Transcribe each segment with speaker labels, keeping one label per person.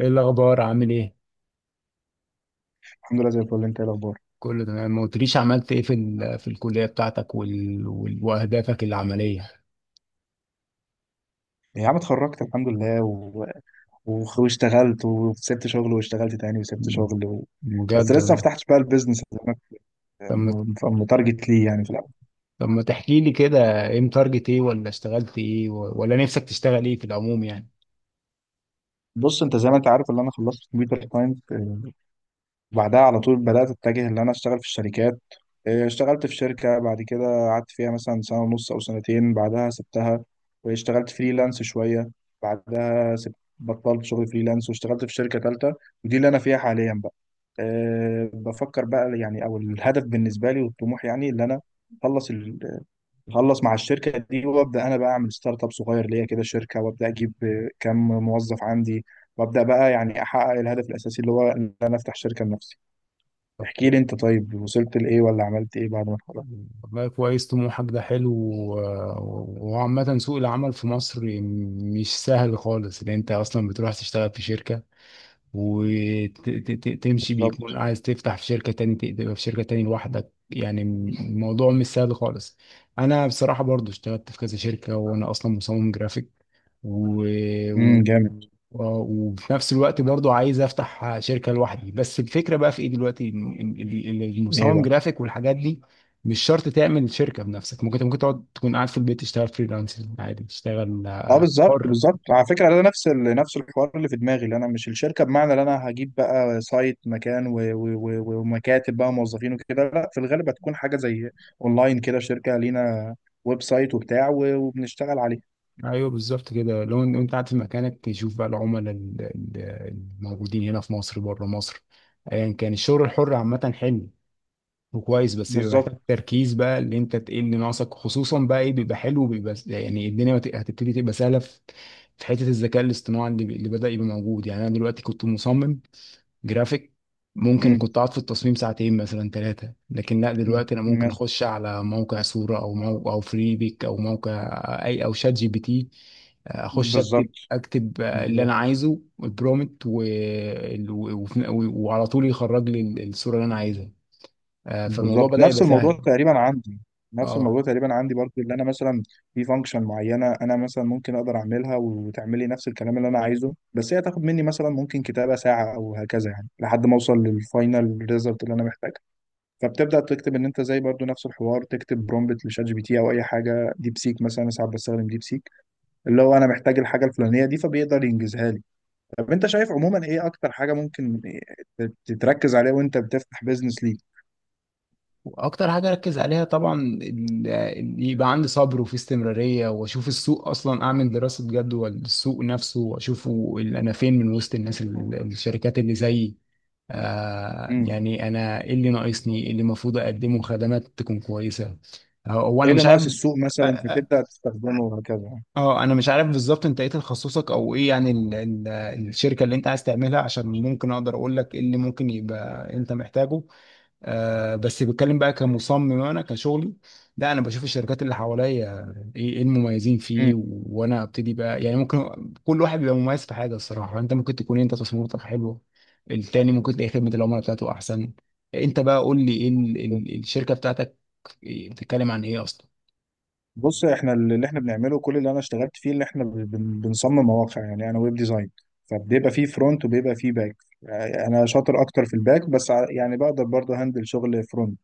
Speaker 1: ايه الاخبار؟ عامل ايه؟
Speaker 2: الحمد لله زي الفل، انت ايه الاخبار؟
Speaker 1: كله تمام. ما قلتليش عملت ايه في في الكليه بتاعتك واهدافك العمليه.
Speaker 2: يا عم اتخرجت الحمد لله واشتغلت وسبت شغل واشتغلت تاني وسبت
Speaker 1: مم.
Speaker 2: شغل. بس
Speaker 1: بجد
Speaker 2: لسه ما
Speaker 1: والله.
Speaker 2: فتحتش بقى البيزنس اللي انا،
Speaker 1: طب
Speaker 2: ك-
Speaker 1: ما
Speaker 2: متارجت ليه يعني في الاول؟
Speaker 1: طب ما تحكي لي كده، ايه متارجت، ايه ولا اشتغلت ايه ولا نفسك تشتغل ايه في العموم يعني؟
Speaker 2: بص انت زي ما انت عارف، اللي انا خلصت كمبيوتر ساينس. بعدها على طول بدأت أتجه إن أنا أشتغل في الشركات. إيه، اشتغلت في شركة بعد كده قعدت فيها مثلا سنة ونص أو سنتين، بعدها سبتها واشتغلت فريلانس شوية. بعدها سبت بطلت شغل فريلانس واشتغلت في شركة تالتة، ودي اللي أنا فيها حاليا بقى. بفكر بقى يعني، أو الهدف بالنسبة لي والطموح يعني اللي أنا، أخلص ال- أخلص مع الشركة دي وأبدأ أنا بقى أعمل ستارت أب صغير ليا كده شركة، وأبدأ أجيب كام موظف عندي، وأبدأ بقى يعني أحقق الهدف الأساسي اللي هو إن أنا أفتح شركة لنفسي.
Speaker 1: طب
Speaker 2: احكي
Speaker 1: كو...
Speaker 2: لي انت، طيب وصلت لايه؟ ولا عملت ايه بعد ما اتخرجت؟
Speaker 1: والله كويس، طموحك ده حلو، وعامة سوق العمل في مصر مش سهل خالص، لأن أنت أصلا بتروح تشتغل في شركة وتمشي،
Speaker 2: بالظبط.
Speaker 1: بيكون عايز تفتح في شركة تاني، تبقى في شركة تاني لوحدك، يعني الموضوع مش سهل خالص. انا بصراحة برضو اشتغلت في كذا شركة، وانا اصلا مصمم جرافيك، و... و...
Speaker 2: جامد.
Speaker 1: وفي نفس الوقت برضو عايز افتح شركة لوحدي. بس الفكرة بقى في ايه دلوقتي، إن
Speaker 2: ايه
Speaker 1: المصمم
Speaker 2: بقى؟
Speaker 1: جرافيك والحاجات دي مش شرط تعمل شركة بنفسك. ممكن تقعد، تكون قاعد في البيت، تشتغل فريلانسر عادي، تشتغل
Speaker 2: اه، بالظبط
Speaker 1: حر.
Speaker 2: بالظبط. على فكره، ده نفس الحوار اللي في دماغي، اللي انا مش الشركه بمعنى ان انا هجيب بقى سايت مكان ومكاتب بقى موظفين وكده، لا في الغالب هتكون حاجه زي اونلاين كده، شركه لينا ويب سايت وبتاع وبنشتغل عليه.
Speaker 1: ايوه بالظبط كده، لو انت قاعد في مكانك، تشوف بقى العملاء الموجودين هنا في مصر، بره مصر، ايا كان. الشغل الحر عامه حلو وكويس، بس بيبقى
Speaker 2: بالظبط.
Speaker 1: محتاج تركيز بقى، اللي انت تقل اللي ناقصك، خصوصا بقى، ايه، بيبقى حلو، بيبقى يعني الدنيا هتبتدي تبقى سهله في في حته الذكاء الاصطناعي اللي بدأ يبقى موجود. يعني انا دلوقتي كنت مصمم جرافيك، ممكن
Speaker 2: امم
Speaker 1: كنت اقعد في التصميم ساعتين مثلا ثلاثه، لكن لا،
Speaker 2: أمم.
Speaker 1: دلوقتي انا ممكن
Speaker 2: مس-
Speaker 1: اخش على موقع صوره، او موقع، او فريبيك، او موقع اي، او شات جي بي تي، اخش اكتب
Speaker 2: بالظبط
Speaker 1: اللي انا
Speaker 2: بالظبط.
Speaker 1: عايزه البرومت، وعلى طول يخرج لي الصوره اللي انا عايزها. آه، فالموضوع
Speaker 2: بالظبط،
Speaker 1: بدأ يبقى سهل.
Speaker 2: نفس
Speaker 1: اه،
Speaker 2: الموضوع تقريبا عندي برضو، اللي انا مثلا في فانكشن معينه انا مثلا ممكن اقدر اعملها، وتعملي نفس الكلام اللي انا عايزه، بس هي تاخد مني مثلا ممكن كتابه ساعه او هكذا يعني، لحد ما اوصل للفاينل ريزلت اللي انا محتاجها. فبتبدا تكتب ان انت زي برضو نفس الحوار، تكتب برومبت لشات جي بي تي او اي حاجه، ديب سيك مثلا، أنا ساعات بستخدم ديب سيك، اللي هو انا محتاج الحاجه الفلانيه دي فبيقدر ينجزها لي. طب انت شايف عموما ايه اكتر حاجه ممكن تتركز عليها وانت بتفتح بيزنس؟
Speaker 1: واكتر حاجه اركز عليها طبعا يبقى عندي صبر، وفي استمراريه، واشوف السوق، اصلا اعمل دراسه جدوى السوق نفسه، واشوفه، انا فين من وسط الناس، الشركات اللي زيي. آه،
Speaker 2: ليك،
Speaker 1: يعني انا ايه اللي ناقصني، ايه اللي المفروض اقدمه خدمات تكون كويسه. آه، هو
Speaker 2: ايه
Speaker 1: انا
Speaker 2: اللي
Speaker 1: مش
Speaker 2: ناقص
Speaker 1: عارف.
Speaker 2: السوق
Speaker 1: اه،
Speaker 2: مثلا
Speaker 1: آه،
Speaker 2: فتبدا تستخدمه وهكذا.
Speaker 1: آه، انا مش عارف بالظبط انت ايه تخصصك، او ايه يعني ال الشركه اللي انت عايز تعملها، عشان ممكن اقدر اقول لك ايه اللي ممكن يبقى انت محتاجه. آه، بس بتكلم بقى كمصمم انا كشغلي. لا، انا بشوف الشركات اللي حواليا، ايه، إيه المميزين فيه،
Speaker 2: مم.
Speaker 1: وانا ابتدي بقى يعني. ممكن كل واحد بيبقى مميز في حاجه، الصراحه انت ممكن تكون انت تصميماتك حلوه، التاني ممكن تلاقي خدمه العملاء بتاعته احسن. انت بقى قول لي ايه الشركه بتاعتك، إيه، بتتكلم عن ايه اصلا؟
Speaker 2: بص، احنا اللي احنا بنعمله كل اللي انا اشتغلت فيه، اللي احنا بنصمم مواقع يعني، انا ويب ديزاين، فبيبقى فيه فرونت وبيبقى فيه باك. انا شاطر اكتر في الباك، بس يعني بقدر برضه هندل شغل فرونت.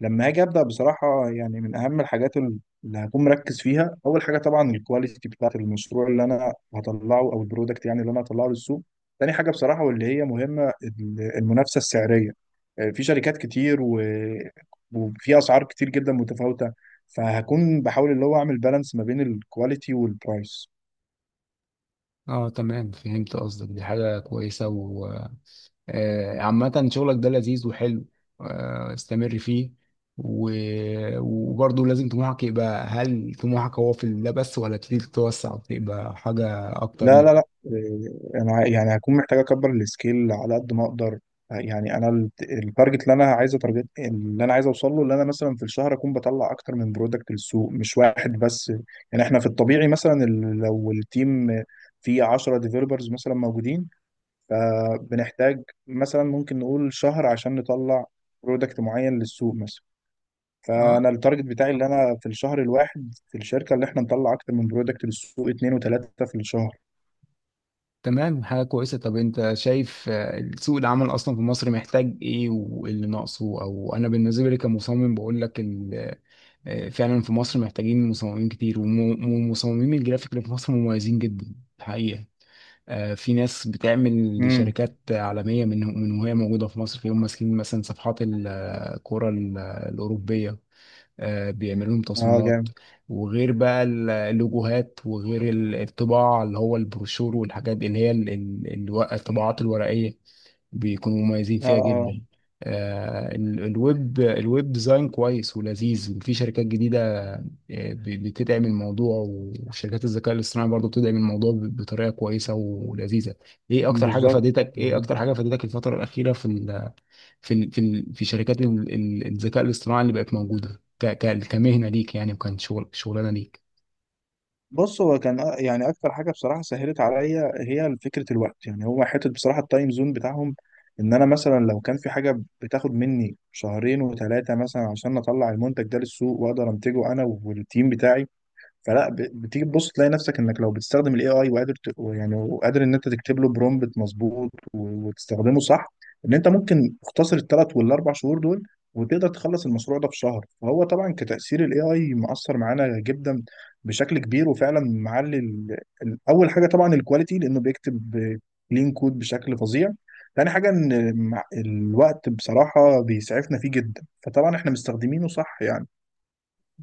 Speaker 2: لما اجي ابدا بصراحه يعني، من اهم الحاجات اللي هكون مركز فيها، اول حاجه طبعا الكواليتي بتاعت المشروع اللي انا هطلعه او البرودكت يعني اللي انا هطلعه للسوق. تاني حاجه بصراحه واللي هي مهمه، المنافسه السعريه. في شركات كتير وفي اسعار كتير جدا متفاوته، فهكون بحاول اللي هو اعمل بالانس ما بين الكواليتي والبرايس.
Speaker 1: اه تمام، فهمت قصدك، دي حاجه كويسه. آه، عامة شغلك ده لذيذ وحلو. آه، استمر فيه. و... وبرضه لازم طموحك يبقى، هل طموحك هو في ده بس، ولا تريد تتوسع وتبقى حاجة أكتر
Speaker 2: لا
Speaker 1: من؟
Speaker 2: لا لا، إيه، انا يعني هكون محتاج اكبر السكيل على قد ما اقدر. يعني انا التارجت، اللي انا عايز اوصل له، اللي انا مثلا في الشهر اكون بطلع اكتر من برودكت للسوق مش واحد بس. يعني احنا في الطبيعي مثلا، لو التيم فيه 10 ديفيلوبرز مثلا موجودين، فبنحتاج مثلا ممكن نقول شهر عشان نطلع برودكت معين للسوق مثلا.
Speaker 1: اه
Speaker 2: فانا التارجت بتاعي اللي انا في الشهر الواحد في الشركه، اللي احنا نطلع اكتر من برودكت للسوق، اتنين وتلاته في
Speaker 1: تمام، حاجة كويسة. طب أنت شايف آه، سوق العمل أصلا في مصر محتاج إيه واللي ناقصه؟ أو أنا بالنسبة لي كمصمم بقول لك آه، فعلا في مصر محتاجين مصممين كتير، ومصممين الجرافيك اللي في مصر مميزين جدا الحقيقة. آه، في ناس بتعمل
Speaker 2: الشهر.
Speaker 1: لشركات عالمية من وهي موجودة في مصر، فيهم ماسكين مثلا صفحات الكرة الأوروبية. آه، بيعملوا لهم
Speaker 2: اه،
Speaker 1: تصميمات،
Speaker 2: جامد.
Speaker 1: وغير بقى اللوجوهات، وغير الطباعة اللي هو البروشور، والحاجات اللي هي الطباعات الورقية، بيكونوا مميزين
Speaker 2: اه
Speaker 1: فيها
Speaker 2: اه،
Speaker 1: جدا. آه، الويب ديزاين كويس ولذيذ، وفي شركات جديدة آه، بتدعم الموضوع، وشركات الذكاء الاصطناعي برضه بتدعم الموضوع بطريقة كويسة ولذيذة.
Speaker 2: بالظبط
Speaker 1: ايه
Speaker 2: بالظبط.
Speaker 1: اكتر حاجة فادتك الفترة الأخيرة في في شركات الذكاء الاصطناعي اللي بقت موجودة كمهنة ليك يعني، وكان شغلانة ليك؟
Speaker 2: بص، هو كان يعني اكتر حاجه بصراحه سهلت عليا هي فكره الوقت، يعني هو حته بصراحه التايم زون بتاعهم. ان انا مثلا لو كان في حاجه بتاخد مني شهرين وثلاثه مثلا عشان اطلع المنتج ده للسوق واقدر انتجه انا والتيم بتاعي، فلا بتيجي تبص تلاقي نفسك انك لو بتستخدم الاي اي وقادر يعني وقادر ان انت تكتب له برومبت مظبوط وتستخدمه صح، ان انت ممكن تختصر الثلاث والاربع شهور دول وتقدر تخلص المشروع ده في شهر. فهو طبعا كتأثير، الاي اي مؤثر معانا جدا بشكل كبير، وفعلا معلي اول حاجه طبعا الكواليتي، لانه بيكتب كلين كود بشكل فظيع. تاني حاجه، ان الوقت بصراحه بيسعفنا فيه جدا، فطبعا احنا مستخدمينه صح يعني.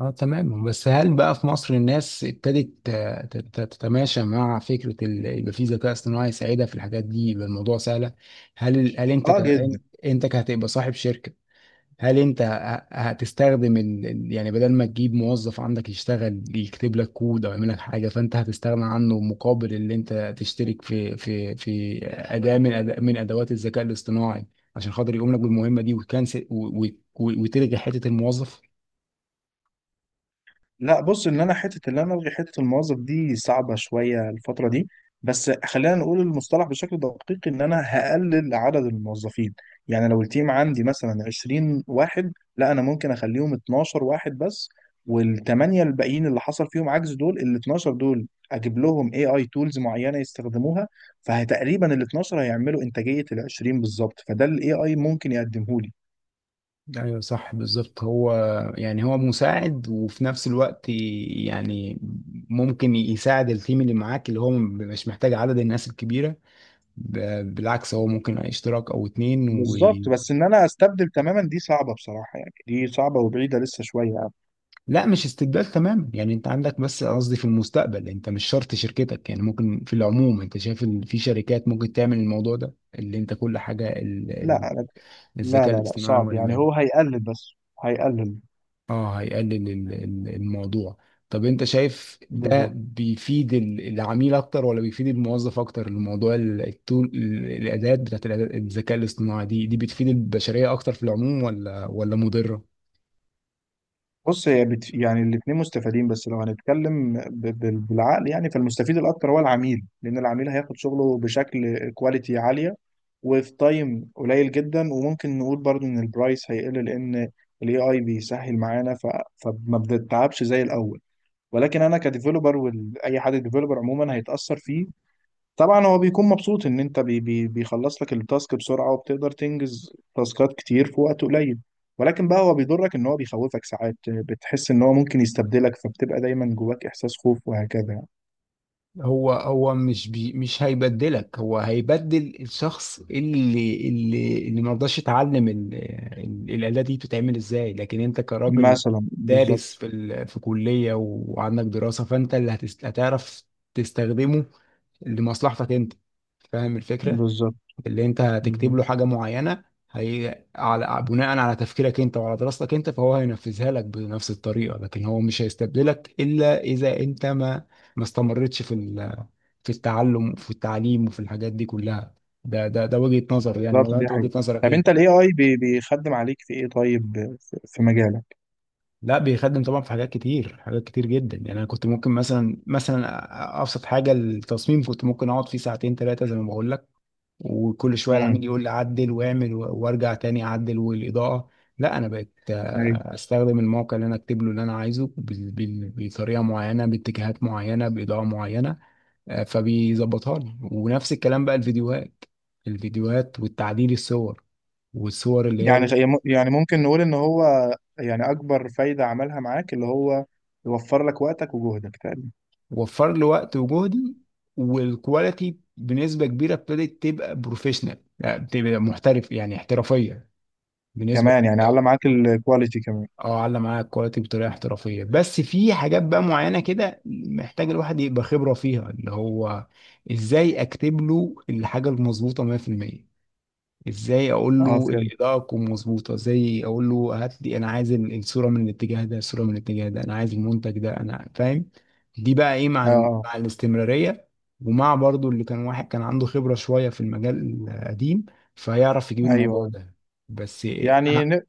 Speaker 1: اه تمام. بس هل بقى في مصر الناس ابتدت آه، تتماشى مع فكرة يبقى في ذكاء اصطناعي يساعدها في الحاجات دي، يبقى الموضوع سهلة؟ هل انت
Speaker 2: اه، جدا.
Speaker 1: انت كهتبقى صاحب شركة، هل انت هتستخدم يعني بدل ما تجيب موظف عندك يشتغل يكتب لك كود، او يعمل لك حاجه، فانت هتستغنى عنه مقابل اللي انت تشترك في اداه من أداء من ادوات الذكاء الاصطناعي، عشان خاطر يقوم لك بالمهمه دي، وتكنسل، وتلغي حته الموظف؟
Speaker 2: لا بص، ان انا حته اللي انا الغي حته الموظف دي صعبه شويه الفتره دي، بس خلينا نقول المصطلح بشكل دقيق، ان انا هقلل عدد الموظفين. يعني لو التيم عندي مثلا 20 واحد، لا انا ممكن اخليهم 12 واحد بس، والثمانيه الباقيين اللي حصل فيهم عجز، دول ال 12 دول اجيب لهم اي اي تولز معينه يستخدموها، فتقريبا ال 12 هيعملوا انتاجيه ال 20 بالظبط، فده الاي اي ممكن يقدمه لي.
Speaker 1: ايوه صح بالظبط. هو يعني هو مساعد، وفي نفس الوقت يعني ممكن يساعد التيم اللي معاك، اللي هو مش محتاج عدد الناس الكبيره، بالعكس، هو ممكن اشتراك او اتنين.
Speaker 2: بالظبط، بس ان انا استبدل تماما دي صعبه بصراحه، يعني دي صعبه وبعيده لسه شويه يعني.
Speaker 1: لا، مش استبدال تماما يعني، انت عندك، بس قصدي في المستقبل انت، مش شرط شركتك، يعني ممكن في العموم انت شايف ان في شركات ممكن تعمل الموضوع ده، اللي انت كل حاجه
Speaker 2: لا، أنا لا
Speaker 1: الذكاء
Speaker 2: لا لا،
Speaker 1: الاصطناعي،
Speaker 2: صعب
Speaker 1: ولا
Speaker 2: يعني،
Speaker 1: مال؟
Speaker 2: هو هيقلل بس، هيقلل.
Speaker 1: اه، هيقلل الموضوع. طب انت شايف ده
Speaker 2: بالظبط.
Speaker 1: بيفيد العميل اكتر، ولا بيفيد الموظف اكتر؟ الموضوع ال- التول ال- الاداه بتاعت الأداة- الذكاء الاصطناعي، دي بتفيد البشريه اكتر في العموم، ولا مضره؟
Speaker 2: بص، هي يعني الاثنين مستفيدين، بس لو هنتكلم بالعقل يعني، فالمستفيد الاكتر هو العميل، لان العميل هياخد شغله بشكل كواليتي عاليه وفي تايم قليل جدا. وممكن نقول برضو ان البرايس هيقل، لان الاي اي بيسهل معانا فما بنتعبش زي الاول. ولكن انا كديفلوبر واي حد ديفلوبر عموما هيتاثر فيه، طبعا هو بيكون مبسوط ان انت بي بي بيخلص لك التاسك بسرعه، وبتقدر تنجز تاسكات كتير في وقت قليل. ولكن بقى هو بيضرك، ان هو بيخوفك ساعات، بتحس ان هو ممكن يستبدلك، فبتبقى دايما جواك احساس خوف وهكذا يعني.
Speaker 1: هو مش هيبدلك، هو هيبدل الشخص اللي ما رضاش يتعلم الآلة دي بتتعمل ازاي. لكن انت كراجل
Speaker 2: مثلا،
Speaker 1: دارس
Speaker 2: بالظبط
Speaker 1: في في كلية، وعندك دراسة، فانت اللي هتعرف تستخدمه لمصلحتك انت. فاهم الفكرة؟
Speaker 2: بالظبط
Speaker 1: اللي انت هتكتب
Speaker 2: بالظبط.
Speaker 1: له حاجه معينه، هي على بناء على تفكيرك انت، وعلى دراستك انت، فهو هينفذها لك بنفس الطريقه، لكن هو مش هيستبدلك الا اذا انت ما استمرتش في في التعلم، وفي التعليم، وفي الحاجات دي كلها. ده وجهه نظري يعني، ولا
Speaker 2: دي
Speaker 1: انت وجهه
Speaker 2: حقيقة.
Speaker 1: نظرك
Speaker 2: طب انت،
Speaker 1: ايه؟
Speaker 2: الاي اي بيخدم عليك في ايه طيب، في مجالك؟
Speaker 1: لا، بيخدم طبعا في حاجات كتير، حاجات كتير جدا يعني. انا كنت ممكن مثلا ابسط حاجه التصميم، كنت ممكن اقعد فيه ساعتين ثلاثه، زي ما بقول لك، وكل شويه
Speaker 2: امم
Speaker 1: العميل يقول لي عدل، واعمل وارجع تاني اعدل، والاضاءه. لا، انا بقيت
Speaker 2: أيوة.
Speaker 1: آه، استخدم الموقع، اللي انا اكتب له اللي انا عايزه بطريقه معينه، باتجاهات معينه، باضاءه معينه. آه، فبيظبطها لي. ونفس الكلام بقى الفيديوهات، والتعديل، الصور، اللي
Speaker 2: يعني
Speaker 1: هي
Speaker 2: يعني ممكن نقول ان هو، يعني اكبر فايده عملها معاك اللي هو يوفر لك وقتك وجهدك تقريبا،
Speaker 1: وفر لي وقت وجهدي. والكواليتي بنسبه كبيره ابتدت تبقى بروفيشنال، يعني بتبقى محترف، يعني احترافيه بنسبه.
Speaker 2: كمان يعني على معاك الكواليتي كمان.
Speaker 1: اه، علّى معاك الكواليتي بطريقه احترافيه. بس في حاجات بقى معينه كده محتاج الواحد يبقى خبره فيها، اللي هو ازاي اكتب له الحاجه المظبوطه 100%، ازاي اقول
Speaker 2: اه،
Speaker 1: له
Speaker 2: فهمت.
Speaker 1: الاضاءه تكون مظبوطه، ازاي اقول له هات لي، انا عايز الصوره من الاتجاه ده، انا عايز المنتج ده، انا فاهم. دي بقى ايه، مع
Speaker 2: اه آه.
Speaker 1: مع الاستمراريه، ومع برضو اللي كان، واحد كان عنده خبره شويه في المجال القديم، فيعرف يجيب
Speaker 2: ايوه
Speaker 1: الموضوع
Speaker 2: آه.
Speaker 1: ده. بس
Speaker 2: يعني
Speaker 1: اه،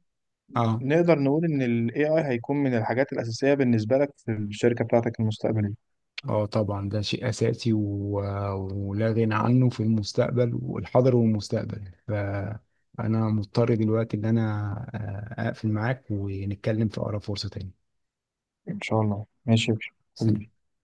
Speaker 1: آه.
Speaker 2: نقدر نقول ان ال AI هيكون من الحاجات الأساسية بالنسبة لك في الشركة بتاعتك المستقبلية؟
Speaker 1: اه طبعا ده شيء اساسي ولا غنى عنه في المستقبل، والحاضر والمستقبل. فانا مضطر دلوقتي ان انا آه، اقفل معاك ونتكلم في اقرب فرصة تاني.
Speaker 2: إن شاء الله، ماشي يا
Speaker 1: سلام.
Speaker 2: باشا.